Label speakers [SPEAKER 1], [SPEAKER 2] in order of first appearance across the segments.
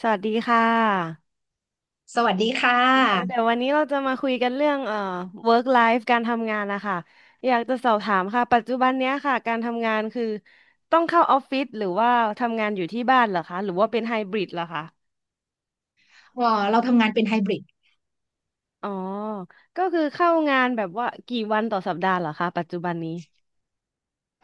[SPEAKER 1] สวัสดีค่ะ
[SPEAKER 2] สวัสดีค่ะ
[SPEAKER 1] เดี๋ยววันนี้เราจะมาคุยกันเรื่องwork life การทำงานนะคะอยากจะสอบถามค่ะปัจจุบันเนี้ยค่ะการทำงานคือต้องเข้าออฟฟิศหรือว่าทำงานอยู่ที่บ้านเหรอคะหรือว่าเป็นไฮบริดเหรอคะ
[SPEAKER 2] เ่าเราทำงานเป็นไฮบริด
[SPEAKER 1] อ๋อก็คือเข้างานแบบว่ากี่วันต่อสัปดาห์เหรอคะปัจจุบันนี้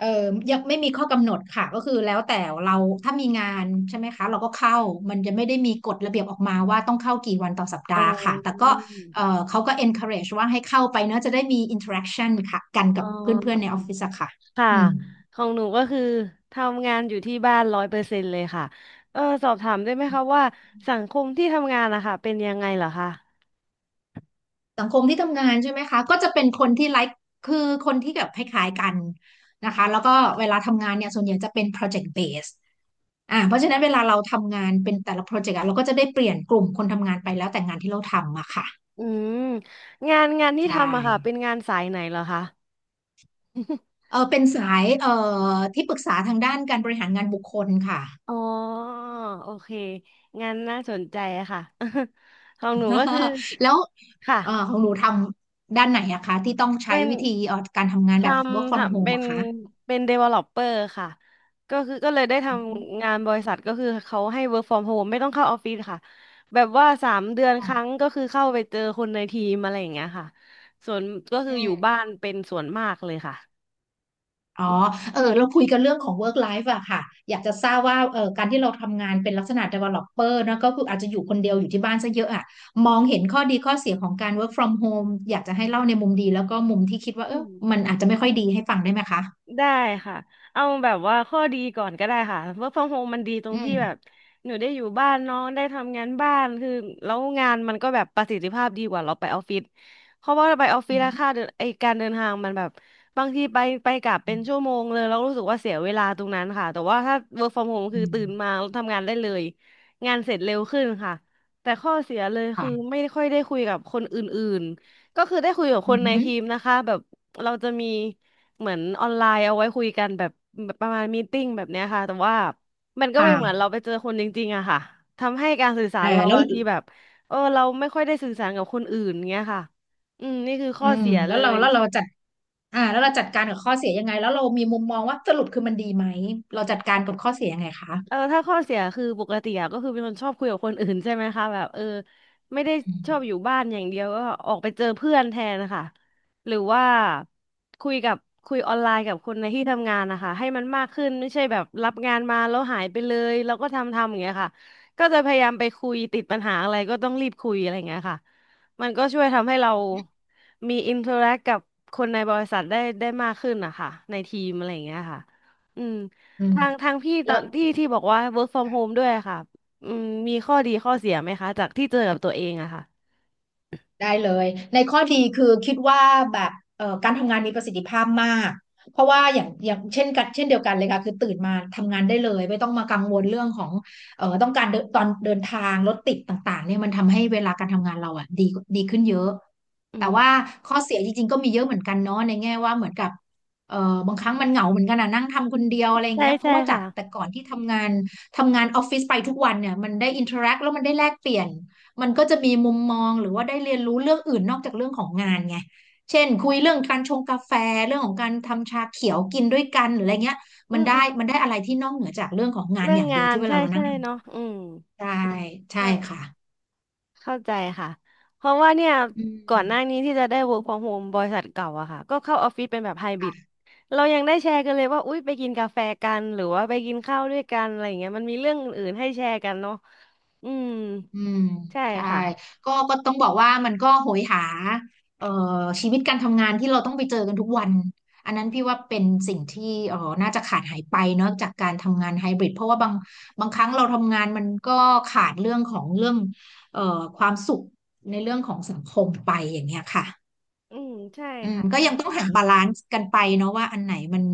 [SPEAKER 2] ยังไม่มีข้อกำหนดค่ะ ก็คือแล้วแต่เราถ้ามีงานใช่ไหมคะ เราก็เข้ามันจะไม่ได้มีกฎระเบียบออกมาว่าต้องเข้ากี่วันต่อสัป
[SPEAKER 1] อ๋อ
[SPEAKER 2] ดาห์ค่ะ แต่ก็เออเขาก็ encourage ว่าให้เข้าไปเนอะจะได้มี interaction ค่ะ กันกั
[SPEAKER 1] อ๋
[SPEAKER 2] บ
[SPEAKER 1] อ
[SPEAKER 2] เพื่อนๆในออฟฟิศอะค่ะ
[SPEAKER 1] ค่ะ
[SPEAKER 2] อืม
[SPEAKER 1] ของหนูก็คือทำงานอยู่ที่บ้าน100%เลยค่ะเออสอบถามได้ไหมคะว่าสังคมที่ทำงานนะคะเป็นยังไงเหรอคะ
[SPEAKER 2] สังคมที่ทำงานใช่ไหมคะก็จะเป็นคนที่ไลค์คือคนที่แบบคล้ายๆกันนะคะแล้วก็เวลาทำงานเนี่ยส่วนใหญ่จะเป็น project base อ่าเพราะฉะนั้นเวลาเราทำงานเป็นแต่ละโปรเจกต์อะเราก็จะได้เปลี่ยนกลุ่มคนทำงานไปแล้วแต่งานที่เราทำอะค่ะ
[SPEAKER 1] อืมงานที่
[SPEAKER 2] ใช่
[SPEAKER 1] ทำอะค่ะเป็นงานสายไหนเหรอคะ
[SPEAKER 2] เออเป็นสายที่ปรึกษาทางด้านการบริหารงานบุคคลค่ะ
[SPEAKER 1] อ๋อโอเคงานน่าสนใจอะค่ะ ของหนูก็คือ
[SPEAKER 2] แล้ว
[SPEAKER 1] ค่ะ
[SPEAKER 2] ของหนูทำด้านไหนอะคะที่ต้องใช้
[SPEAKER 1] เป็น
[SPEAKER 2] วิธีการทำงาน
[SPEAKER 1] ท
[SPEAKER 2] แบบ work
[SPEAKER 1] ำ
[SPEAKER 2] from
[SPEAKER 1] ทำเป็
[SPEAKER 2] home
[SPEAKER 1] น
[SPEAKER 2] อะคะ
[SPEAKER 1] developer ค่ะก็คือก็เลยได้ท
[SPEAKER 2] อ
[SPEAKER 1] ำงานบริษัทก็คือเขาให้ work from home ไม่ต้องเข้าออฟฟิศค่ะแบบว่า3 เดือนครั้ง
[SPEAKER 2] อ
[SPEAKER 1] ก็คือเข้าไปเจอคนในทีมอะไรอย่างเงี้ยค่ะส่วนก็คือ
[SPEAKER 2] อื
[SPEAKER 1] อยู่บ้า
[SPEAKER 2] ม
[SPEAKER 1] นเป็นส่วนมากเลยค่ะ
[SPEAKER 2] อ๋อเออเราคุยกันเรื่องของ work life อะค่ะอยากจะทราบว่าเออการที่เราทำงานเป็นลักษณะ developer นะก็คืออาจจะอยู่คนเดียวอยู่ที่บ้านซะเยอะอะมองเห็นข้อดีข้อเสียของการ work from home อยากจะให้เล่าในมุมดีแล้วก็มุมที่คิดว่าเอ
[SPEAKER 1] อื
[SPEAKER 2] อ
[SPEAKER 1] ม
[SPEAKER 2] มันอาจจะไม่ค่อยดีให้ฟังได้ไหมคะ
[SPEAKER 1] ได้ค่ะ เอาแบบว่าข้อดีก่อนก็ได้ค่ะ work from home มันดีตรง
[SPEAKER 2] อื
[SPEAKER 1] ที่
[SPEAKER 2] ม
[SPEAKER 1] แบบหนูได้อยู่บ้านเน้องได้ทำงานบ้านคือแล้วงานมันก็แบบประสิทธิภาพดีกว่าเราไปออฟฟิศเพราะว่าเราไปออฟฟิ
[SPEAKER 2] อื
[SPEAKER 1] ศแล้วค่าเดิ
[SPEAKER 2] ม
[SPEAKER 1] นไอการเดินทางมันแบบบางทีไปกลับเป็
[SPEAKER 2] อื
[SPEAKER 1] นชั่
[SPEAKER 2] ม
[SPEAKER 1] วโมงเลยเรารู้สึกว่าเสียเวลาตรงนั้นค่ะแต่ว่าถ้า work from home คือ
[SPEAKER 2] อืม
[SPEAKER 1] ตื่นมาแล้วทำงานได้เลยงานเสร็จเร็วขึ้นค่ะแต่ข้อเสียเลยคือ
[SPEAKER 2] ค่ะ
[SPEAKER 1] ไม่ค่อยได้คุยกับคนอื่นๆก็คือได้คุยกับค
[SPEAKER 2] อื
[SPEAKER 1] นในที
[SPEAKER 2] ม
[SPEAKER 1] มนะคะแบบเราจะมี เหมือนออนไลน์เอาไว้คุยกันแบบประมาณมีตติ้งแบบเนี้ยค่ะแต่ว่ามันก็
[SPEAKER 2] ค
[SPEAKER 1] ไม่เหมือนเรา
[SPEAKER 2] ่ะ
[SPEAKER 1] ไปเจอคนจริงๆอะค่ะทำให้การสื่อสา
[SPEAKER 2] เออ
[SPEAKER 1] รเรา
[SPEAKER 2] แล้ว
[SPEAKER 1] บางทีแบบเออเราไม่ค่อยได้สื่อสารกับคนอื่นเงี้ยค่ะอืมนี่คือข้
[SPEAKER 2] อื
[SPEAKER 1] อ
[SPEAKER 2] ม
[SPEAKER 1] เสีย
[SPEAKER 2] แล้
[SPEAKER 1] เล
[SPEAKER 2] วเรา
[SPEAKER 1] ย
[SPEAKER 2] แล้วเราจัดแล้วเราจัดการกับข้อเสียยังไงแล้วเรามีมุมมองว่าสรุปคือมันดีไหมเราจัดการกับข้อเสียยังไงคะ
[SPEAKER 1] เออถ้าข้อเสียคือปกติอะก็คือเป็นคนชอบคุยกับคนอื่นใช่ไหมคะแบบเออไม่ได้
[SPEAKER 2] อืม
[SPEAKER 1] ชอบอยู่บ้านอย่างเดียวก็ออกไปเจอเพื่อนแทนนะคะหรือว่าคุยกับคุยออนไลน์กับคนในที่ทำงานนะคะให้มันมากขึ้นไม่ใช่แบบรับงานมาแล้วหายไปเลยแล้วก็ทำอย่างเงี้ยค่ะก็จะพยายามไปคุยติดปัญหาอะไรก็ต้องรีบคุยอะไรอย่างเงี้ยค่ะมันก็ช่วยทำให้เรามีอินเทอร์แอคกับคนในบริษัทได้มากขึ้นนะคะในทีมอะไรอย่างเงี้ยค่ะอืม
[SPEAKER 2] อืม
[SPEAKER 1] ทางพี่ต
[SPEAKER 2] แล้
[SPEAKER 1] อ
[SPEAKER 2] ว
[SPEAKER 1] นที่บอกว่า work from home ด้วยค่ะอืมมีข้อดีข้อเสียไหมคะจากที่เจอกับตัวเองอะค่ะ
[SPEAKER 2] ได้เลยในข้อดีคือคิดว่าแบบการทำงานมีประสิทธิภาพมากเพราะว่าอย่างเช่นเดียวกันเลยค่ะคือตื่นมาทำงานได้เลยไม่ต้องมากังวลเรื่องของต้องการเดินตอนเดินทางรถติดต่างๆเนี่ยมันทำให้เวลาการทำงานเราอ่ะดีขึ้นเยอะ
[SPEAKER 1] อื
[SPEAKER 2] แต่ว่า
[SPEAKER 1] ม
[SPEAKER 2] ข้อเสียจริงๆก็มีเยอะเหมือนกันเนาะในแง่ว่าเหมือนกับเอ่อบางครั้งมันเหงาเหมือนกันอ่ะนั่งทำคนเดียวอะไรอย่าง
[SPEAKER 1] ใช่
[SPEAKER 2] เงี้ยเพ
[SPEAKER 1] ใช่
[SPEAKER 2] ราะว่าจากแต่
[SPEAKER 1] ค่ะ
[SPEAKER 2] ก่อนที่ทำงานออฟฟิศไปทุกวันเนี่ยมันได้อินเทอร์แอคแล้วมันได้แลกเปลี่ยน มันก็จะมีมุมมองหรือว่าได้เรียนรู้เรื่องอื่นนอกจากเรื่องของงานไง เช่นคุยเรื่องการชงกาแฟเรื่องของการทำชาเขียวกินด้วยกันหรืออะไรเงี้ย
[SPEAKER 1] อื
[SPEAKER 2] มัน
[SPEAKER 1] มอื
[SPEAKER 2] ได้
[SPEAKER 1] ม
[SPEAKER 2] มันได้อะไรที่นอกเหนือจากเรื่องของงาน
[SPEAKER 1] เรื่อ
[SPEAKER 2] อ
[SPEAKER 1] ง
[SPEAKER 2] ย่างเดี
[SPEAKER 1] งา
[SPEAKER 2] ยว
[SPEAKER 1] น
[SPEAKER 2] ที่เว
[SPEAKER 1] ใช่
[SPEAKER 2] ลาเรานั่
[SPEAKER 1] ใช่
[SPEAKER 2] งท
[SPEAKER 1] เนาะอืม
[SPEAKER 2] ำใช่ใช่
[SPEAKER 1] เข้า
[SPEAKER 2] ค่ะ
[SPEAKER 1] เข้าใจค่ะ เพราะว่าเนี่ย
[SPEAKER 2] อื
[SPEAKER 1] ก่อ
[SPEAKER 2] ม
[SPEAKER 1] นหน้านี้ที่จะได้ work from home บริษัทเก่าอะค่ะ ก็เข้าออฟฟิศเป็นแบบไฮบริด
[SPEAKER 2] ค่ะ
[SPEAKER 1] เรายังได้แชร์กันเลยว่าอุ๊ยไปกินกาแฟกันหรือว่าไปกินข้าวด้วยกันอะไรอย่างเงี้ยมันมีเรื่องอื่นๆให้แชร์กันเนาะอืม
[SPEAKER 2] อืม
[SPEAKER 1] ใช่
[SPEAKER 2] ใช่
[SPEAKER 1] ค่ะ
[SPEAKER 2] ก็ต้องบอกว่ามันก็โหยหาเอ่อชีวิตการทำงานที่เราต้องไปเจอกันทุกวันอันนั้นพี่ว่าเป็นสิ่งที่เอ่อน่าจะขาดหายไปเนาะจากการทำงานไฮบริดเพราะว่าบางครั้งเราทำงานมันก็ขาดเรื่องของเรื่องเอ่อความสุขในเรื่องของสังคมไปอย่างเงี้ยค่ะ
[SPEAKER 1] อืมใช่
[SPEAKER 2] อืม
[SPEAKER 1] ค่ะ
[SPEAKER 2] ก็
[SPEAKER 1] ใช่
[SPEAKER 2] ยังต้องหาบาลานซ์กันไปเนาะว่าอันไหนมัน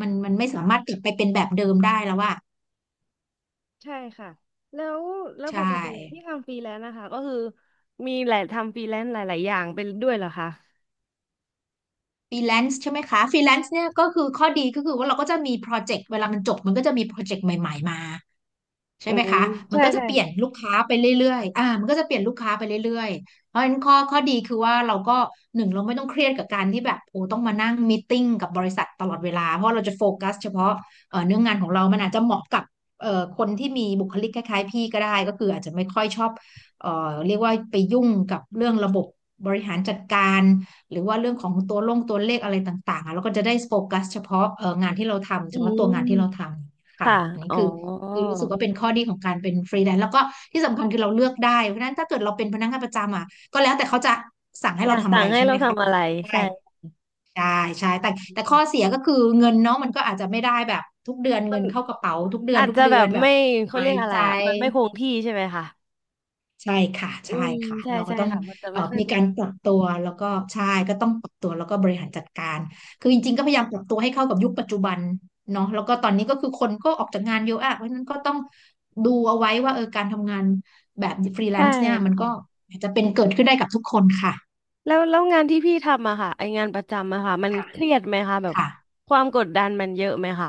[SPEAKER 2] มันมันไม่สามารถกลับไปเป็นแบบเดิมได้แล้วว่า
[SPEAKER 1] ใช่ค่ะแล้วแล้วป
[SPEAKER 2] ใช่
[SPEAKER 1] กติที่ทำฟรีแลนซ์นะคะก็คือมีหลายทำฟรีแลนซ์หลายๆอย่างเป็นด้วยเหรอคะ
[SPEAKER 2] ฟรีแลนซ์ใช่ไหมคะฟรีแลนซ์เนี่ยก็คือข้อดีก็คือว่าเราก็จะมีโปรเจกต์เวลามันจบมันก็จะมีโปรเจกต์ใหม่ๆมาใช่
[SPEAKER 1] อื
[SPEAKER 2] ไหม
[SPEAKER 1] ม
[SPEAKER 2] คะ มั
[SPEAKER 1] ใช่
[SPEAKER 2] นก็จะ
[SPEAKER 1] ใช่
[SPEAKER 2] เปลี่ยน
[SPEAKER 1] ค่ะ
[SPEAKER 2] ลูกค้าไปเรื่อยๆอ่ามันก็จะเปลี่ยนลูกค้าไปเรื่อยๆเพราะฉะนั้นข้อดีคือว่าเราก็หนึ่งเราไม่ต้องเครียดกับการที่แบบโอ้ต้องมานั่งมีตติ้งกับบริษัทตลอดเวลาเพราะเราจะโฟกัสเฉพาะเนื้องานของเรามันอาจจะเหมาะกับคนที่มีบุคลิกคล้ายๆพี่ก็ได้ก็คืออาจจะไม่ค่อยชอบเรียกว่าไปยุ่งกับเรื่องระบบบริหารจัดการ หรือว่าเรื่องของตัวเลขอะไรต่างๆอะ้วก็จะได้โฟกัสเฉพาะเอองานที่เราทำเฉ
[SPEAKER 1] อื
[SPEAKER 2] พาะตัวงานที่เราท
[SPEAKER 1] ม
[SPEAKER 2] ำค่ะ
[SPEAKER 1] ค่ะ
[SPEAKER 2] อันนี้
[SPEAKER 1] อ๋อ
[SPEAKER 2] คือคือรู้สึกว่าเป็นข้อดีของการเป็นฟรีแลนซ์แล้วก็ที่สำคัญคือเราเลือกได้เพราะฉะนั้นถ้าเกิดเราเป็นพนักงานประจำอ่ะก็แล้วแต่เขาจะสั่งให้
[SPEAKER 1] อ
[SPEAKER 2] เรา
[SPEAKER 1] ยาก
[SPEAKER 2] ทำอะ
[SPEAKER 1] สั่
[SPEAKER 2] ไร
[SPEAKER 1] งให้
[SPEAKER 2] ใช่ไห
[SPEAKER 1] เรา
[SPEAKER 2] มคะ
[SPEAKER 1] ทำอะไร
[SPEAKER 2] ได้
[SPEAKER 1] ใช่
[SPEAKER 2] ใช่ใช่แต่ข้อเสียก็คือเงินเนาะมันก็อาจจะไม่ได้แบบทุกเดือน
[SPEAKER 1] มั
[SPEAKER 2] เงิ
[SPEAKER 1] น
[SPEAKER 2] นเข้ากระเป๋า
[SPEAKER 1] อาจ
[SPEAKER 2] ทุก
[SPEAKER 1] จะ
[SPEAKER 2] เดื
[SPEAKER 1] แบ
[SPEAKER 2] อ
[SPEAKER 1] บ
[SPEAKER 2] นแบบ
[SPEAKER 1] ไม่
[SPEAKER 2] ส
[SPEAKER 1] เขา
[SPEAKER 2] บา
[SPEAKER 1] เรีย
[SPEAKER 2] ย
[SPEAKER 1] กอะไร
[SPEAKER 2] ใจ
[SPEAKER 1] อ่ะมันไม่คงที่ใช่ไหมคะ
[SPEAKER 2] ใช่ค่ะ
[SPEAKER 1] อื
[SPEAKER 2] ใช่
[SPEAKER 1] ม
[SPEAKER 2] ค่ะ
[SPEAKER 1] ใช่
[SPEAKER 2] เราก็
[SPEAKER 1] ใช่
[SPEAKER 2] ต้อง
[SPEAKER 1] ค่ะมันจะไม่ค่อย
[SPEAKER 2] มี
[SPEAKER 1] ค
[SPEAKER 2] กา
[SPEAKER 1] ง
[SPEAKER 2] รปรับตัวแล้วก็ใช่ก็ต้องปรับตัวแล้วก็บริหารจัดการคือจริงๆก็พยายามปรับตัวให้เข้ากับยุคปัจจุบันเนาะแล้วก็ตอนนี้ก็คือคนก็ออกจากงานเยอะอะเพราะฉะนั้นก็ต้องดูเอาไว้ว่าเออการทำงานแบบฟรีแล
[SPEAKER 1] ใช่
[SPEAKER 2] นซ์เนี่ยมันก็
[SPEAKER 1] ค่ะ
[SPEAKER 2] อาจจะเป็นเกิดขึ้นได้กับทุกคนค่ะ
[SPEAKER 1] แล้วงานที่พี่ทำอะค่ะไองานประจำอะค่ะมัน
[SPEAKER 2] ค่ะ
[SPEAKER 1] เครียดไหมคะแบบ
[SPEAKER 2] ค่ะ
[SPEAKER 1] ความกดดันมันเยอะไหมคะ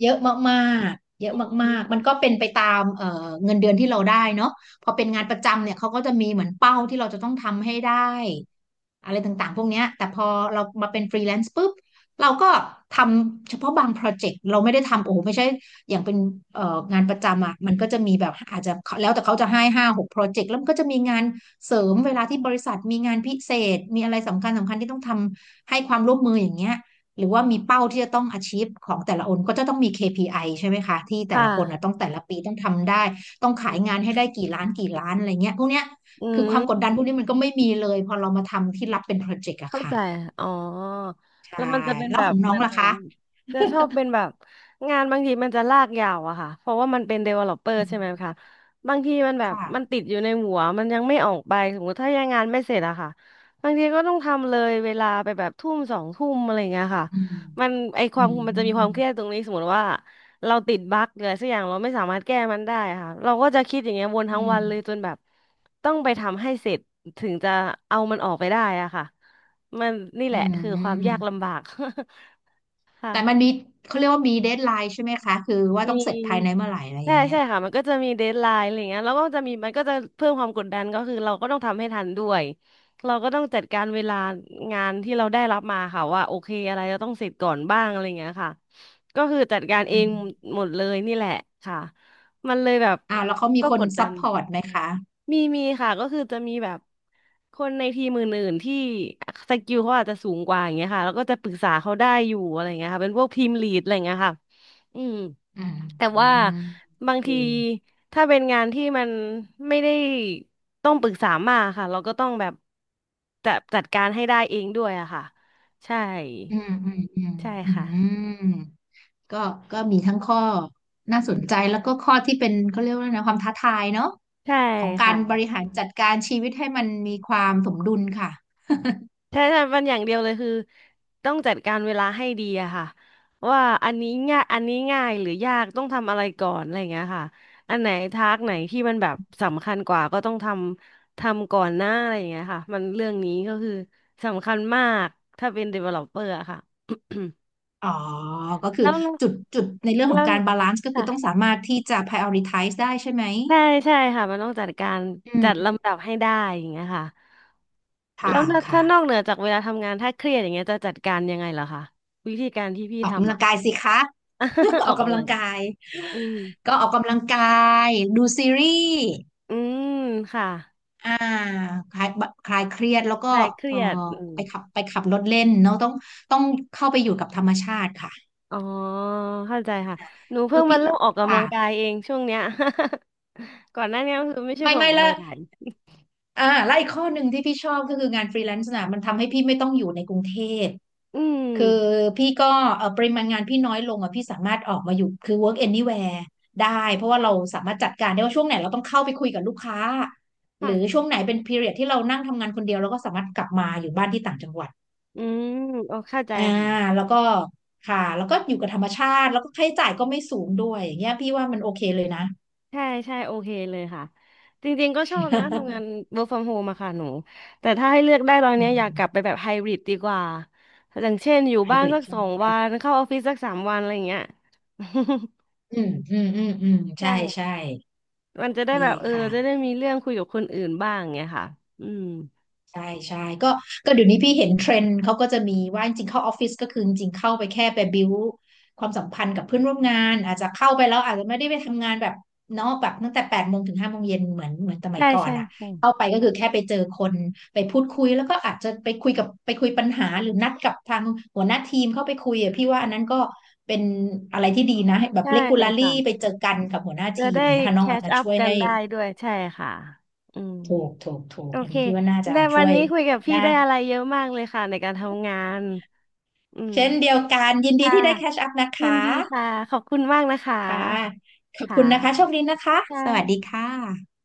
[SPEAKER 2] เยอะมากๆเยอะ
[SPEAKER 1] อื
[SPEAKER 2] มาก
[SPEAKER 1] ม
[SPEAKER 2] ๆมันก็เป็นไปตามเงินเดือนที่เราได้เนาะพอเป็นงานประจำเนี่ยเขาก็จะมีเหมือนเป้าที่เราจะต้องทำให้ได้อะไรต่างๆพวกเนี้ยแต่พอเรามาเป็นฟรีแลนซ์ปุ๊บเราก็ทำเฉพาะบางโปรเจกต์เราไม่ได้ทำโอ้โหไม่ใช่อย่างเป็นงานประจำอ่ะมันก็จะมีแบบอาจจะแล้วแต่เขาจะให้ห้าหกโปรเจกต์แล้วมันก็จะมีงานเสริมเวลาที่บริษัทมีงานพิเศษมีอะไรสำคัญที่ต้องทำให้ความร่วมมืออย่างเงี้ย หรือว่ามีเป้าที่จะต้อง achieve ของแต่ละคนก็จะต้องมี KPI ใช่ไหมคะที่
[SPEAKER 1] ค
[SPEAKER 2] แต่ละคนนะ
[SPEAKER 1] ่ะ
[SPEAKER 2] ต้องแต่ละปีต้องทำได้ต้องขายงานให้ได้กี่ล้านกี่ล้านอะไรเงี้ยพวกเนี้ย
[SPEAKER 1] อื
[SPEAKER 2] คือความกดดันพวก
[SPEAKER 1] ม
[SPEAKER 2] นี้มันก็ไม่มีเลยพอเรามาทำที่รับเป็นโปรเจกต์อะ
[SPEAKER 1] เข้า
[SPEAKER 2] ค่ะ
[SPEAKER 1] ใจอ๋อ
[SPEAKER 2] ใช่
[SPEAKER 1] แล้วมันจะเป็น
[SPEAKER 2] แล้ว
[SPEAKER 1] แบ
[SPEAKER 2] ข
[SPEAKER 1] บ
[SPEAKER 2] องน้อ
[SPEAKER 1] มั
[SPEAKER 2] ง
[SPEAKER 1] นห
[SPEAKER 2] ล่ะ
[SPEAKER 1] นู
[SPEAKER 2] คะ
[SPEAKER 1] จะชอบเป็นแบบงานบางทีมันจะลากยาวอะค่ะ เพราะว่ามันเป็น developer
[SPEAKER 2] อื
[SPEAKER 1] ใช่
[SPEAKER 2] ม
[SPEAKER 1] ไหมคะบางทีมันแบบ
[SPEAKER 2] ค่ะ
[SPEAKER 1] มันติดอยู่ในหัวมันยังไม่ออกไป สมมติถ้ายังงานไม่เสร็จอะค่ะบางทีก็ต้องทำเลยเวลาไปแบบทุ่มสองทุ่มอะไรเงี้ยค่ะ
[SPEAKER 2] อืม
[SPEAKER 1] มันไอค
[SPEAKER 2] อื
[SPEAKER 1] วามมันจะมีความเค
[SPEAKER 2] ม
[SPEAKER 1] รียดตรงนี้สมมติว่าเราติดบั๊กเลยสักอย่างเราไม่สามารถแก้มันได้ค่ะเราก็จะคิดอย่างเงี้ยวนทั้ง
[SPEAKER 2] อื
[SPEAKER 1] วั
[SPEAKER 2] ม
[SPEAKER 1] นเลยจนแบบต้องไปทำให้เสร็จถึงจะเอามันออกไปได้อะค่ะ มันนี่
[SPEAKER 2] อื
[SPEAKER 1] แหละคือความยา
[SPEAKER 2] ม
[SPEAKER 1] กลำบาก ค่ะ
[SPEAKER 2] แต่มันมีเขาเรียกว่ามีเดดไลน์ใช่ไหมคะคือว่า
[SPEAKER 1] มี
[SPEAKER 2] ต้องเสร็จภายในเมื่อไหร่อะไรอ
[SPEAKER 1] ใช่
[SPEAKER 2] ย่างเงี้
[SPEAKER 1] ใช่
[SPEAKER 2] ย
[SPEAKER 1] ค่ะมันก็จะมีเดดไลน์อะไรเงี้ยแล้วก็จะมันก็จะเพิ่มความกดดันก็คือเราก็ต้องทำให้ทันด้วยเราก็ต้องจัดการเวลางานที่เราได้รับมาค่ะว่าโอเคอะไรเราต้องเสร็จก่อนบ้างอะไรเงี้ยค่ะก็คือจัดการเอ
[SPEAKER 2] อื
[SPEAKER 1] ง
[SPEAKER 2] ม
[SPEAKER 1] หมดเลยนี่แหละค่ะมันเลยแบบ
[SPEAKER 2] อ่าแล้วเขามี
[SPEAKER 1] ก็
[SPEAKER 2] ค
[SPEAKER 1] ก
[SPEAKER 2] น
[SPEAKER 1] ดดั
[SPEAKER 2] ซัพ
[SPEAKER 1] น
[SPEAKER 2] พอร์ตไหมคะ
[SPEAKER 1] มีค่ะก็คือจะมีแบบคนในทีมอื่นๆที่สกิลเขาอาจจะสูงกว่าอย่างเงี้ยค่ะแล้วก็จะปรึกษาเขาได้อยู่อะไรเงี้ยค่ะเป็นพวกทีมลีดอะไรเงี้ยค่ะอืม
[SPEAKER 2] อืม
[SPEAKER 1] แต่
[SPEAKER 2] อื
[SPEAKER 1] ว่า
[SPEAKER 2] มโอ
[SPEAKER 1] บาง
[SPEAKER 2] เค
[SPEAKER 1] ทีถ้าเป็นงานที่มันไม่ได้ต้องปรึกษามากค่ะเราก็ต้องแบบจัดการให้ได้เองด้วยอะค่ะใช่
[SPEAKER 2] อืมอืมอืม
[SPEAKER 1] ใช่
[SPEAKER 2] อื
[SPEAKER 1] ค่ะ
[SPEAKER 2] มก็ก็มีทั้งข้อน่าสนใจแล้วก็ข้อที่เป็นเขาเรียกว่าอะไรนะความท้าทายเนาะ
[SPEAKER 1] ใช่
[SPEAKER 2] ของการบ
[SPEAKER 1] ค่ะ
[SPEAKER 2] ริหารจัดการชีวิตให้มันมีความสมดุลค่ะ
[SPEAKER 1] ใช่ใช่มันอย่างเดียวเลยคือต้องจัดการเวลาให้ดีอะค่ะว่าอันนี้ง่ายหรือยากต้องทำอะไรก่อนอะไรอย่างเงี้ยค่ะอันไหนทากไหนที่มันแบบสำคัญกว่าก็ต้องทำก่อนหน้าอะไรอย่างเงี้ยค่ะมันเรื่องนี้ก็คือสำคัญมากถ้าเป็น developer อะค่ะ
[SPEAKER 2] อ๋อก็คือ
[SPEAKER 1] แล้ว
[SPEAKER 2] จุดในเรื่องขอ
[SPEAKER 1] แล้
[SPEAKER 2] ง
[SPEAKER 1] ว
[SPEAKER 2] การบาลานซ์ก็คื
[SPEAKER 1] ค่ะ
[SPEAKER 2] อต้องสามารถที่จะ prioritize ได้ใช่ไหม
[SPEAKER 1] ใช่ใช่ค่ะมันต้องจัดการ
[SPEAKER 2] อื
[SPEAKER 1] จัด
[SPEAKER 2] ม
[SPEAKER 1] ลำดับให้ได้อย่างเงี้ยค่ะแล้
[SPEAKER 2] ค่ะ
[SPEAKER 1] วนอก
[SPEAKER 2] ค่ะ
[SPEAKER 1] ถ้านอกเหนือจากเวลาทำงานถ้าเครียดอย่างเงี้ยจะจัดการยังไงเหรอคะวิธีการที่พี่
[SPEAKER 2] ออกกำ
[SPEAKER 1] ทำ
[SPEAKER 2] ลั
[SPEAKER 1] อะ
[SPEAKER 2] งกายสิคะ
[SPEAKER 1] อ
[SPEAKER 2] ออ
[SPEAKER 1] อ
[SPEAKER 2] ก
[SPEAKER 1] ก
[SPEAKER 2] กำ
[SPEAKER 1] กำ
[SPEAKER 2] ลั
[SPEAKER 1] ลั
[SPEAKER 2] ง
[SPEAKER 1] งกาย
[SPEAKER 2] กาย
[SPEAKER 1] อืม
[SPEAKER 2] ก็ออกกำลังกายดูซีรีส์
[SPEAKER 1] อืมค่ะ
[SPEAKER 2] อ่าคลายคลายเครียดแล้วก็
[SPEAKER 1] คลายเค
[SPEAKER 2] เอ
[SPEAKER 1] รี
[SPEAKER 2] อ
[SPEAKER 1] ยดอืม
[SPEAKER 2] ไปขับรถเล่นเนาะต้องเข้าไปอยู่กับธรรมชาติค่ะ
[SPEAKER 1] อ๋อเข้าใจค่ะ หนู
[SPEAKER 2] คื
[SPEAKER 1] เพิ่
[SPEAKER 2] อ
[SPEAKER 1] งมา
[SPEAKER 2] พี่
[SPEAKER 1] เริ่มออกกำลั
[SPEAKER 2] ค่ะ
[SPEAKER 1] งกายเองช่วงเนี้ย ก่อนหน้านี้ก็คือไม่ใช่คนออ
[SPEAKER 2] ไม่
[SPEAKER 1] กกำ
[SPEAKER 2] ละ
[SPEAKER 1] ลังกาย
[SPEAKER 2] อ่าและอีกข้อหนึ่งที่พี่ชอบก็คืองานฟรีแลนซ์นะมันทำให้พี่ไม่ต้องอยู่ในกรุงเทพ
[SPEAKER 1] อืม
[SPEAKER 2] คือพี่ก็เออปริมาณงานพี่น้อยลงอ่ะพี่สามารถออกมาอยู่คือ work anywhere ได้เพราะว่าเราสามารถจัดการได้ว่าช่วงไหนเราต้องเข้าไปคุยกับลูกค้าหรือ
[SPEAKER 1] ค่ะ
[SPEAKER 2] ช่วงไหนเป็น period ที่เรานั่งทำงานคนเดียวเราก็สามารถกลับมาอยู่บ้านที่ต่างจังหวัด
[SPEAKER 1] อืมโอเข้าใจ
[SPEAKER 2] อ่า
[SPEAKER 1] ค่ะ
[SPEAKER 2] แล้วก็ค่ะแล้วก็อยู่กับธรรมชาติแล้วก็ค่าใช้จ่ายก็ไม่สูงด้วยอย่างเงี้ยพี่ว่ามันโอเคเลยนะ
[SPEAKER 1] ใช่ใช่โอเคเลยค่ะ จริงๆก็ชอบนะทำงาน work from home อะค่ะหนู แต่ถ้าให้เลือกได้ตอน
[SPEAKER 2] อื
[SPEAKER 1] เนี้ยอยากกลับ
[SPEAKER 2] ม
[SPEAKER 1] ไปแบบไฮบริดดีกว่าอย่างเช่นอยู่
[SPEAKER 2] ไฮ
[SPEAKER 1] บ้า
[SPEAKER 2] บ
[SPEAKER 1] น
[SPEAKER 2] ริด
[SPEAKER 1] สัก
[SPEAKER 2] ใช่
[SPEAKER 1] สอ
[SPEAKER 2] ไหม
[SPEAKER 1] งวันเข้าออฟฟิศสักสามวันอะไรอย่างเงี้ย
[SPEAKER 2] อืมอืมอืมอืม ใช่ใช่
[SPEAKER 1] ใช่ มันจะได้แบ
[SPEAKER 2] ดี
[SPEAKER 1] บเออ
[SPEAKER 2] ค่ะ
[SPEAKER 1] จะได้มีเรื่องคุยกับคนอื่นบ้างไงค่ะอืม
[SPEAKER 2] ใช่ใช่ก็ก็เดี๋ยวนี้พี่เห็นเทรนด์เขาก็จะมีว่าจริงๆเข้าออฟฟิศก็คือจริงๆเข้าไปแค่ไปบิวความสัมพันธ์กับเพื่อนร่วมงานอาจจะเข้าไปแล้วอาจจะไม่ได้ไปทำงานแบบเนาะแบบตั้งแต่แปดโมงถึงห้าโมงเย็นเหมือนสมัย
[SPEAKER 1] ใช่
[SPEAKER 2] ก่อน
[SPEAKER 1] ใช่
[SPEAKER 2] อ่ะ
[SPEAKER 1] ใช่
[SPEAKER 2] เข้าไปก็คือแค่ไปเจอคนไปพูดคุยแล้วก็อาจจะไปคุยปัญหาหรือนัดกับทางหัวหน้าทีมเข้าไปคุยอ่ะพี่ว่าอันนั้นก็เป็นอะไรที่ดีนะให้แบบ
[SPEAKER 1] ใช่
[SPEAKER 2] regularly
[SPEAKER 1] ค่ะ
[SPEAKER 2] ไปเจอกันกับหัวหน้า
[SPEAKER 1] จะ
[SPEAKER 2] ทีม
[SPEAKER 1] ได้
[SPEAKER 2] อย่างเงี้ยค่ะ
[SPEAKER 1] แค
[SPEAKER 2] น้องอาจ
[SPEAKER 1] ช
[SPEAKER 2] จะ
[SPEAKER 1] อัพ
[SPEAKER 2] ช่วย
[SPEAKER 1] กัน
[SPEAKER 2] ให้
[SPEAKER 1] ได้ด้วยใช่ค่ะอืม
[SPEAKER 2] ถูก
[SPEAKER 1] โอ
[SPEAKER 2] อัน
[SPEAKER 1] เค
[SPEAKER 2] นี้พี่ว่าน่าจะ
[SPEAKER 1] ได้วั
[SPEAKER 2] ช่
[SPEAKER 1] น
[SPEAKER 2] วย
[SPEAKER 1] นี้คุยกับพี่
[SPEAKER 2] ได้
[SPEAKER 1] ได้อะไรเยอะมากเลยค่ะในการทำงานอืม
[SPEAKER 2] เช่นเดียวกันยินดี
[SPEAKER 1] ค่ะ
[SPEAKER 2] ที่ได้แคชอัพนะ
[SPEAKER 1] ยิน
[SPEAKER 2] คะ
[SPEAKER 1] ดีค่ะขอบคุณมากนะคะ
[SPEAKER 2] ค่ะขอบ
[SPEAKER 1] ค่
[SPEAKER 2] คุณนะคะโช
[SPEAKER 1] ะ
[SPEAKER 2] คดีนะคะ
[SPEAKER 1] ใช่
[SPEAKER 2] สวัสดีค่ะ